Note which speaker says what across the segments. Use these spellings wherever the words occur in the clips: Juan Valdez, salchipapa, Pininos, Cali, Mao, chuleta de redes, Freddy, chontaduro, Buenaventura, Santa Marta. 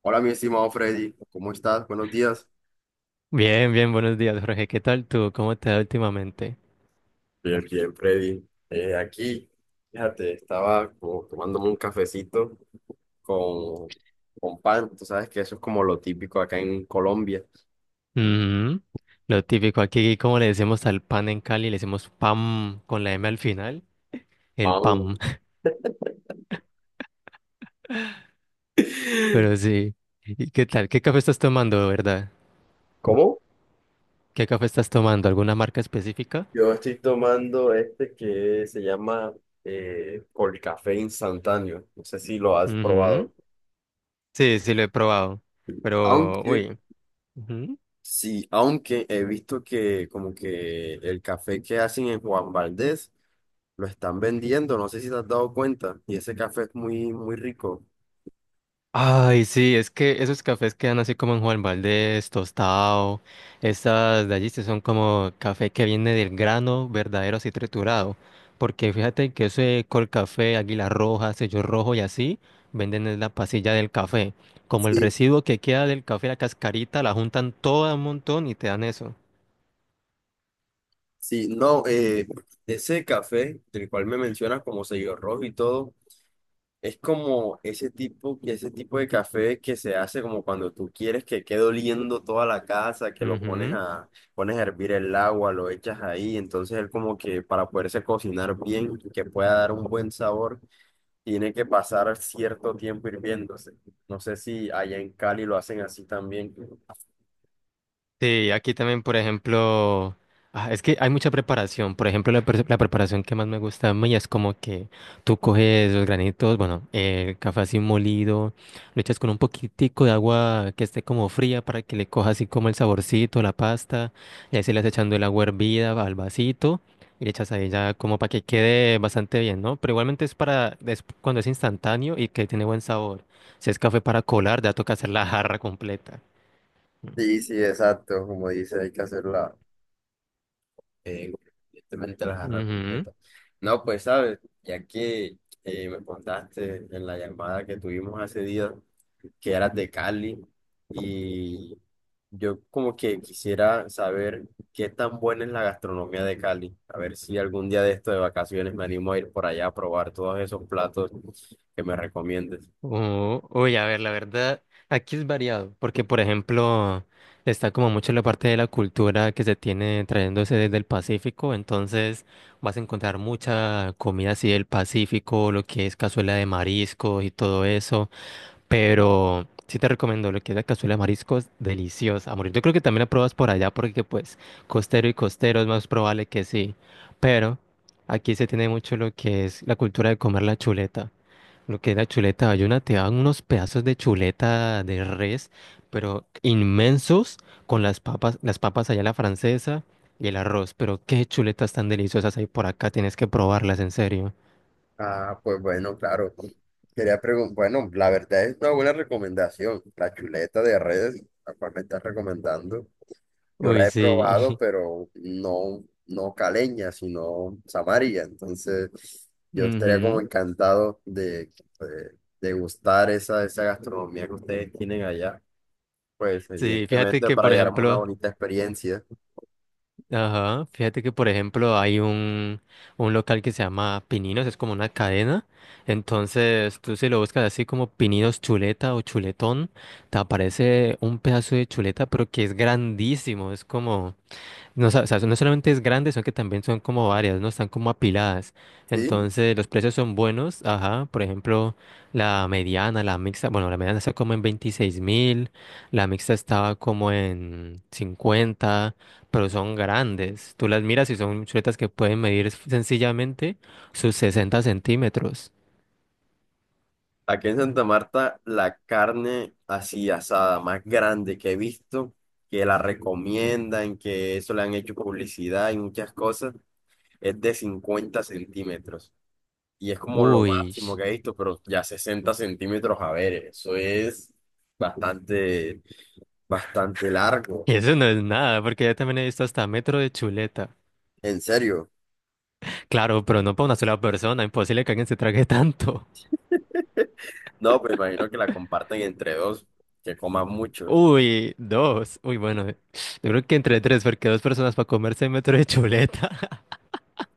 Speaker 1: Hola, mi estimado Freddy, ¿cómo estás? Buenos días.
Speaker 2: Bien, bien, buenos días, Jorge. ¿Qué tal tú? ¿Cómo te va últimamente?
Speaker 1: Bien, bien, Freddy. Aquí, fíjate, estaba como tomándome un cafecito con, con pan. Tú sabes que eso es como lo típico acá en Colombia.
Speaker 2: Ujú. Lo típico aquí, como le decimos al pan en Cali, le decimos pam con la M al final, el
Speaker 1: Pan.
Speaker 2: pam. Pero sí. ¿Y qué tal? ¿Qué café estás tomando, verdad?
Speaker 1: ¿Cómo?
Speaker 2: ¿Qué café estás tomando? ¿Alguna marca específica?
Speaker 1: Yo estoy tomando este que se llama eh, café instantáneo. No sé si lo has
Speaker 2: Ujú.
Speaker 1: probado.
Speaker 2: Sí, sí, lo he probado. Pero,
Speaker 1: Aunque,
Speaker 2: uy.
Speaker 1: sí, aunque he visto que como que el café que hacen en Juan Valdez lo están vendiendo, no sé si te has dado cuenta. Y ese café es muy, muy rico.
Speaker 2: Ay, sí, es que esos cafés quedan así como en Juan Valdez, tostado. Estas de allí sí son como café que viene del grano verdadero así triturado. Porque fíjate que ese col café, águila roja, sello rojo y así, venden es la pasilla del café. Como el
Speaker 1: Sí.
Speaker 2: residuo que queda del café, la cascarita, la juntan toda un montón y te dan eso.
Speaker 1: Sí, no, ese café, del cual me mencionas como sello rojo y todo, es como ese tipo de café que se hace como cuando tú quieres que quede oliendo toda la casa, que lo pones a, pones a hervir el agua, lo echas ahí, entonces él como que para poderse cocinar bien, que pueda dar un buen sabor, tiene que pasar cierto tiempo hirviéndose. No sé si allá en Cali lo hacen así también.
Speaker 2: Sí, aquí también, por ejemplo, ah, es que hay mucha preparación. Por ejemplo, la preparación que más me gusta a mí es como que tú coges los granitos, bueno, el café así molido, lo echas con un poquitico de agua que esté como fría para que le coja así como el saborcito, la pasta, y ahí se le vas echando el agua hervida al vasito y le echas ahí ya como para que quede bastante bien, ¿no? Pero igualmente es cuando es instantáneo y que tiene buen sabor. Si es café para colar, ya toca hacer la jarra completa.
Speaker 1: Sí, sí, exacto, como dice, hay que hacerla eh, evidentemente la jarra
Speaker 2: Ujú.
Speaker 1: completa. No, pues sabes, ya que me contaste en la llamada que tuvimos hace día que eras de Cali y yo como que quisiera saber qué tan buena es la gastronomía de Cali, a ver si algún día de esto de vacaciones me animo a ir por allá a probar todos esos platos que me recomiendes.
Speaker 2: Oh, uy, a ver, la verdad, aquí es variado, porque por ejemplo, está como mucho la parte de la cultura que se tiene trayéndose desde el Pacífico, entonces vas a encontrar mucha comida así del Pacífico, lo que es cazuela de mariscos y todo eso, pero sí te recomiendo lo que es la cazuela de mariscos, deliciosa, a morir. Yo creo que también la pruebas por allá, porque pues costero y costero es más probable que sí, pero aquí se tiene mucho lo que es la cultura de comer la chuleta. Lo que es la chuleta bayuna, te dan unos pedazos de chuleta de res, pero inmensos, con las papas allá a la francesa y el arroz. Pero qué chuletas tan deliciosas hay por acá, tienes que probarlas, en serio.
Speaker 1: Ah, pues bueno, claro. Quería preguntar, bueno, la verdad es una buena recomendación. La chuleta de redes, la cual me estás recomendando. Yo la
Speaker 2: Uy,
Speaker 1: he
Speaker 2: sí.
Speaker 1: probado, pero no, no caleña, sino samaria. Entonces, yo estaría como
Speaker 2: Ujú.
Speaker 1: de degustar esa gastronomía que ustedes tienen allá. Pues,
Speaker 2: Sí, fíjate
Speaker 1: evidentemente,
Speaker 2: que,
Speaker 1: para
Speaker 2: por
Speaker 1: llevarme una
Speaker 2: ejemplo,
Speaker 1: bonita experiencia.
Speaker 2: Ajá, fíjate que por ejemplo hay un local que se llama Pininos, es como una cadena, entonces tú si lo buscas así como Pininos Chuleta o Chuletón, te aparece un pedazo de chuleta pero que es grandísimo, es como, no, o sea, no solamente es grande, son que también son como varias, ¿no? Están como apiladas.
Speaker 1: ¿Sí?
Speaker 2: Entonces, los precios son buenos. Ajá, por ejemplo, la mediana, la mixta, bueno, la mediana está como en 26.000, la mixta estaba como en 50, pero son grandes. Tú las miras y son chuletas que pueden medir sencillamente sus 60 centímetros.
Speaker 1: Aquí en Santa Marta, la carne así asada más grande que he visto, que la recomiendan, que eso le han hecho publicidad y muchas cosas, es de 50 centímetros. Y es como lo
Speaker 2: Uy,
Speaker 1: máximo que he visto, pero ya 60 centímetros, a ver, eso es bastante, bastante largo.
Speaker 2: eso no es nada, porque yo también he visto hasta metro de chuleta.
Speaker 1: En serio.
Speaker 2: Claro, pero no para una sola persona, imposible que alguien se trague tanto.
Speaker 1: No, pues imagino que la comparten entre dos, que coman mucho.
Speaker 2: Uy, dos. Uy, bueno, yo creo que entre tres, porque dos personas para comerse un metro de chuleta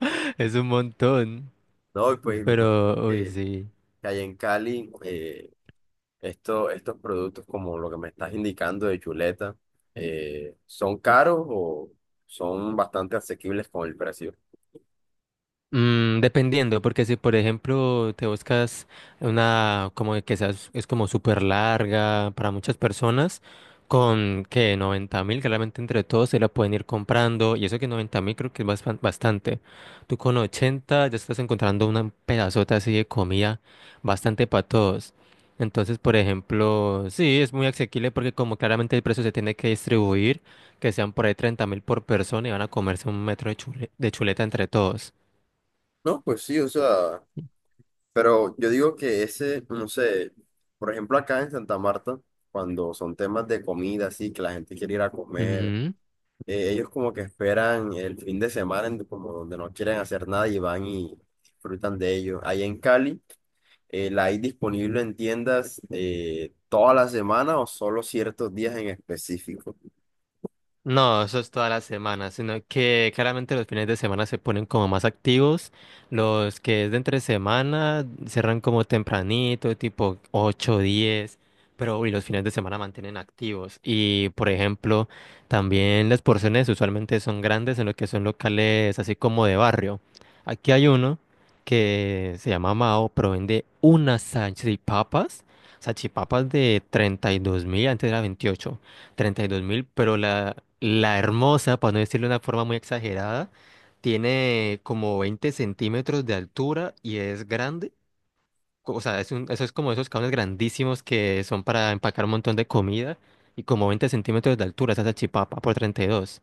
Speaker 2: es un montón.
Speaker 1: No, y pues me imagino
Speaker 2: Pero, uy,
Speaker 1: que,
Speaker 2: sí.
Speaker 1: que allá en Cali, esto, estos productos, como lo que me estás indicando de chuleta, ¿son caros o son bastante asequibles con el precio?
Speaker 2: Mm, dependiendo, porque si por ejemplo te buscas una como de que seas, es como súper larga para muchas personas, con que 90.000, claramente entre todos se la pueden ir comprando, y eso que 90.000 creo que es bastante. Tú con 80 ya estás encontrando una pedazota así de comida bastante para todos. Entonces, por ejemplo, sí, es muy asequible porque como claramente el precio se tiene que distribuir, que sean por ahí 30.000 por persona y van a comerse un metro de de chuleta entre todos.
Speaker 1: No, pues sí, o sea, pero yo digo que ese, no sé, por ejemplo acá en Santa Marta, cuando son temas de comida, así, que la gente quiere ir a comer,
Speaker 2: Ujú.
Speaker 1: ellos como que esperan el fin de semana, como donde no quieren hacer nada y van y disfrutan de ello. Ahí en Cali. ¿La hay disponible en tiendas toda la semana o solo ciertos días en específico?
Speaker 2: No, eso es toda la semana, sino que claramente los fines de semana se ponen como más activos. Los que es de entre semana cerran como tempranito, tipo 8 10, pero y los fines de semana mantienen activos. Y por ejemplo, también las porciones usualmente son grandes en lo que son locales así como de barrio. Aquí hay uno que se llama Mao, pero vende unas salchipapas, salchipapas de 32.000, antes era 28. 32.000, pero la hermosa, para no decirlo de una forma muy exagerada, tiene como 20 centímetros de altura y es grande. O sea, eso es como esos cables grandísimos que son para empacar un montón de comida y como 20 centímetros de altura, esa salchipapa por 32.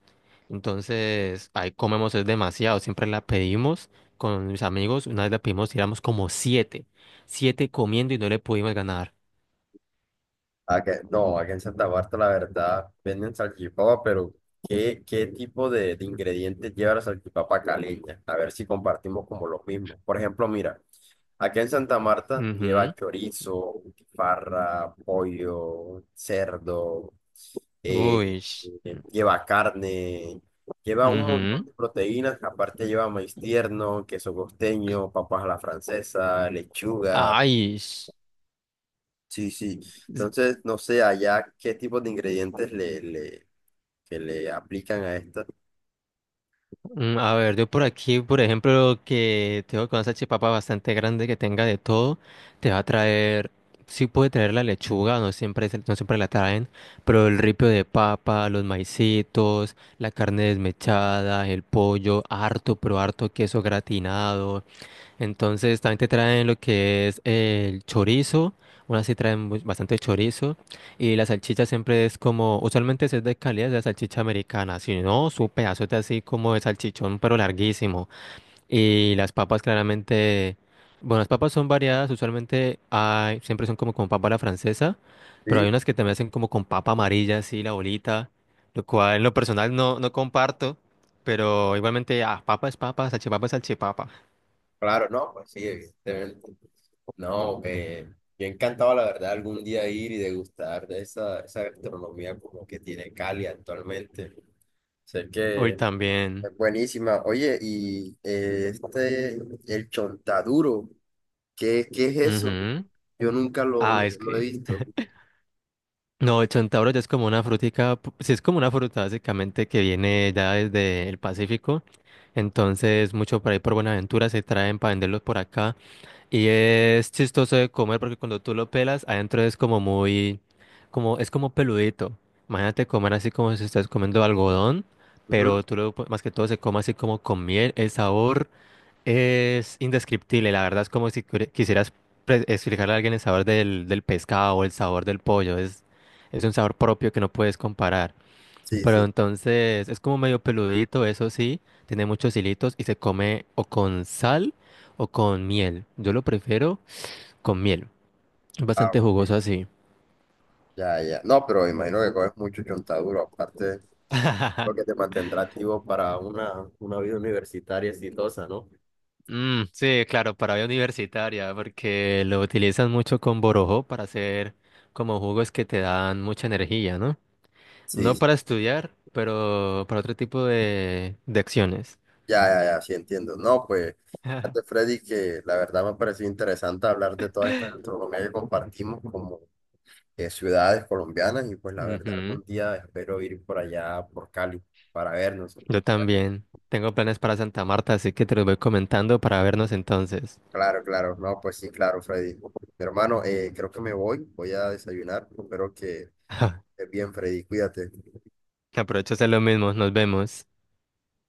Speaker 2: Entonces, ahí comemos es demasiado. Siempre la pedimos con mis amigos. Una vez la pedimos y éramos como siete. Siete comiendo y no le pudimos ganar.
Speaker 1: No, aquí en Santa Marta la verdad venden salchipapa, pero ¿qué tipo de ingredientes lleva la salchipapa caleña? A ver si compartimos como los mismos. Por ejemplo, mira, aquí en Santa Marta
Speaker 2: Ujú.
Speaker 1: lleva chorizo, farra, pollo, cerdo. eh,
Speaker 2: Uy.
Speaker 1: lleva carne, lleva un montón
Speaker 2: Ujú.
Speaker 1: de proteínas, aparte lleva maíz tierno, queso costeño, papas a la francesa, lechuga,
Speaker 2: Ay,
Speaker 1: sí, sí.
Speaker 2: s-
Speaker 1: Entonces, no sé allá qué tipo de ingredientes que le aplican a esto.
Speaker 2: a ver, yo por aquí, por ejemplo, que tengo con esa chipapa bastante grande que tenga de todo, te va a traer, sí puede traer la lechuga, no siempre, no siempre la traen, pero el ripio de papa, los maicitos, la carne desmechada, el pollo, harto, pero harto queso gratinado. Entonces también te traen lo que es el chorizo, unas sí traen bastante chorizo y la salchicha siempre es como, usualmente si es de calidad es la salchicha americana, si no, su pedazote así como de salchichón pero larguísimo. Y las papas claramente, bueno, las papas son variadas, usualmente hay, siempre son como con papa a la francesa, pero hay
Speaker 1: Sí,
Speaker 2: unas que también hacen como con papa amarilla, así la bolita, lo cual en lo personal no, no comparto, pero igualmente, ah, papa es papa, salchipapa es salchipapa.
Speaker 1: claro, no, pues sí, evidentemente. No, yo encantado, la verdad, algún día ir y degustar de esa gastronomía como que tiene Cali actualmente. Sé
Speaker 2: Hoy
Speaker 1: que
Speaker 2: también.
Speaker 1: es buenísima. Oye, y el chontaduro, ¿qué es eso?
Speaker 2: Ujú.
Speaker 1: Yo nunca
Speaker 2: Ah, es
Speaker 1: lo he
Speaker 2: que.
Speaker 1: visto.
Speaker 2: No, el centauro ya es como una frutica, sí es como una fruta básicamente que viene ya desde el Pacífico. Entonces, mucho por ahí por Buenaventura se traen para venderlos por acá. Y es chistoso de comer porque cuando tú lo pelas, adentro es como muy, como, es como peludito. Imagínate comer así como si estás comiendo algodón,
Speaker 1: Ujú.
Speaker 2: pero tú más que todo se come así como con miel, el sabor. Es indescriptible, la verdad es como si quisieras explicarle a alguien el sabor del pescado o el sabor del pollo. Es un sabor propio que no puedes comparar.
Speaker 1: Sí,
Speaker 2: Pero
Speaker 1: sí.
Speaker 2: entonces es como medio peludito, eso sí, tiene muchos hilitos y se come o con sal o con miel. Yo lo prefiero con miel. Es
Speaker 1: Ah,
Speaker 2: bastante jugoso
Speaker 1: ok.
Speaker 2: así.
Speaker 1: Ya, ya. No, pero imagino que coges mucho chontaduro, aparte lo que te mantendrá activo para una vida universitaria exitosa, ¿no?
Speaker 2: Mm, sí, claro, para vida universitaria, porque lo utilizan mucho con borojó para hacer como jugos que te dan mucha energía, ¿no? No
Speaker 1: Sí,
Speaker 2: para estudiar, pero para otro tipo de acciones.
Speaker 1: ya, ya, ya, sí entiendo. No, pues, antes Freddy, que la verdad me ha parecido interesante hablar de toda esta gastronomía que compartimos como ciudades colombianas y pues la verdad
Speaker 2: Ujú.
Speaker 1: algún día espero ir por allá, por Cali, para vernos. Bueno,
Speaker 2: Yo también. Tengo planes para Santa Marta, así que te los voy comentando para vernos entonces.
Speaker 1: claro, claro, no, pues sí, claro, Freddy. Mi hermano, creo que me voy, voy a desayunar, espero que estés bien, Freddy, cuídate.
Speaker 2: Aprovecho a hacer lo mismo. Nos vemos.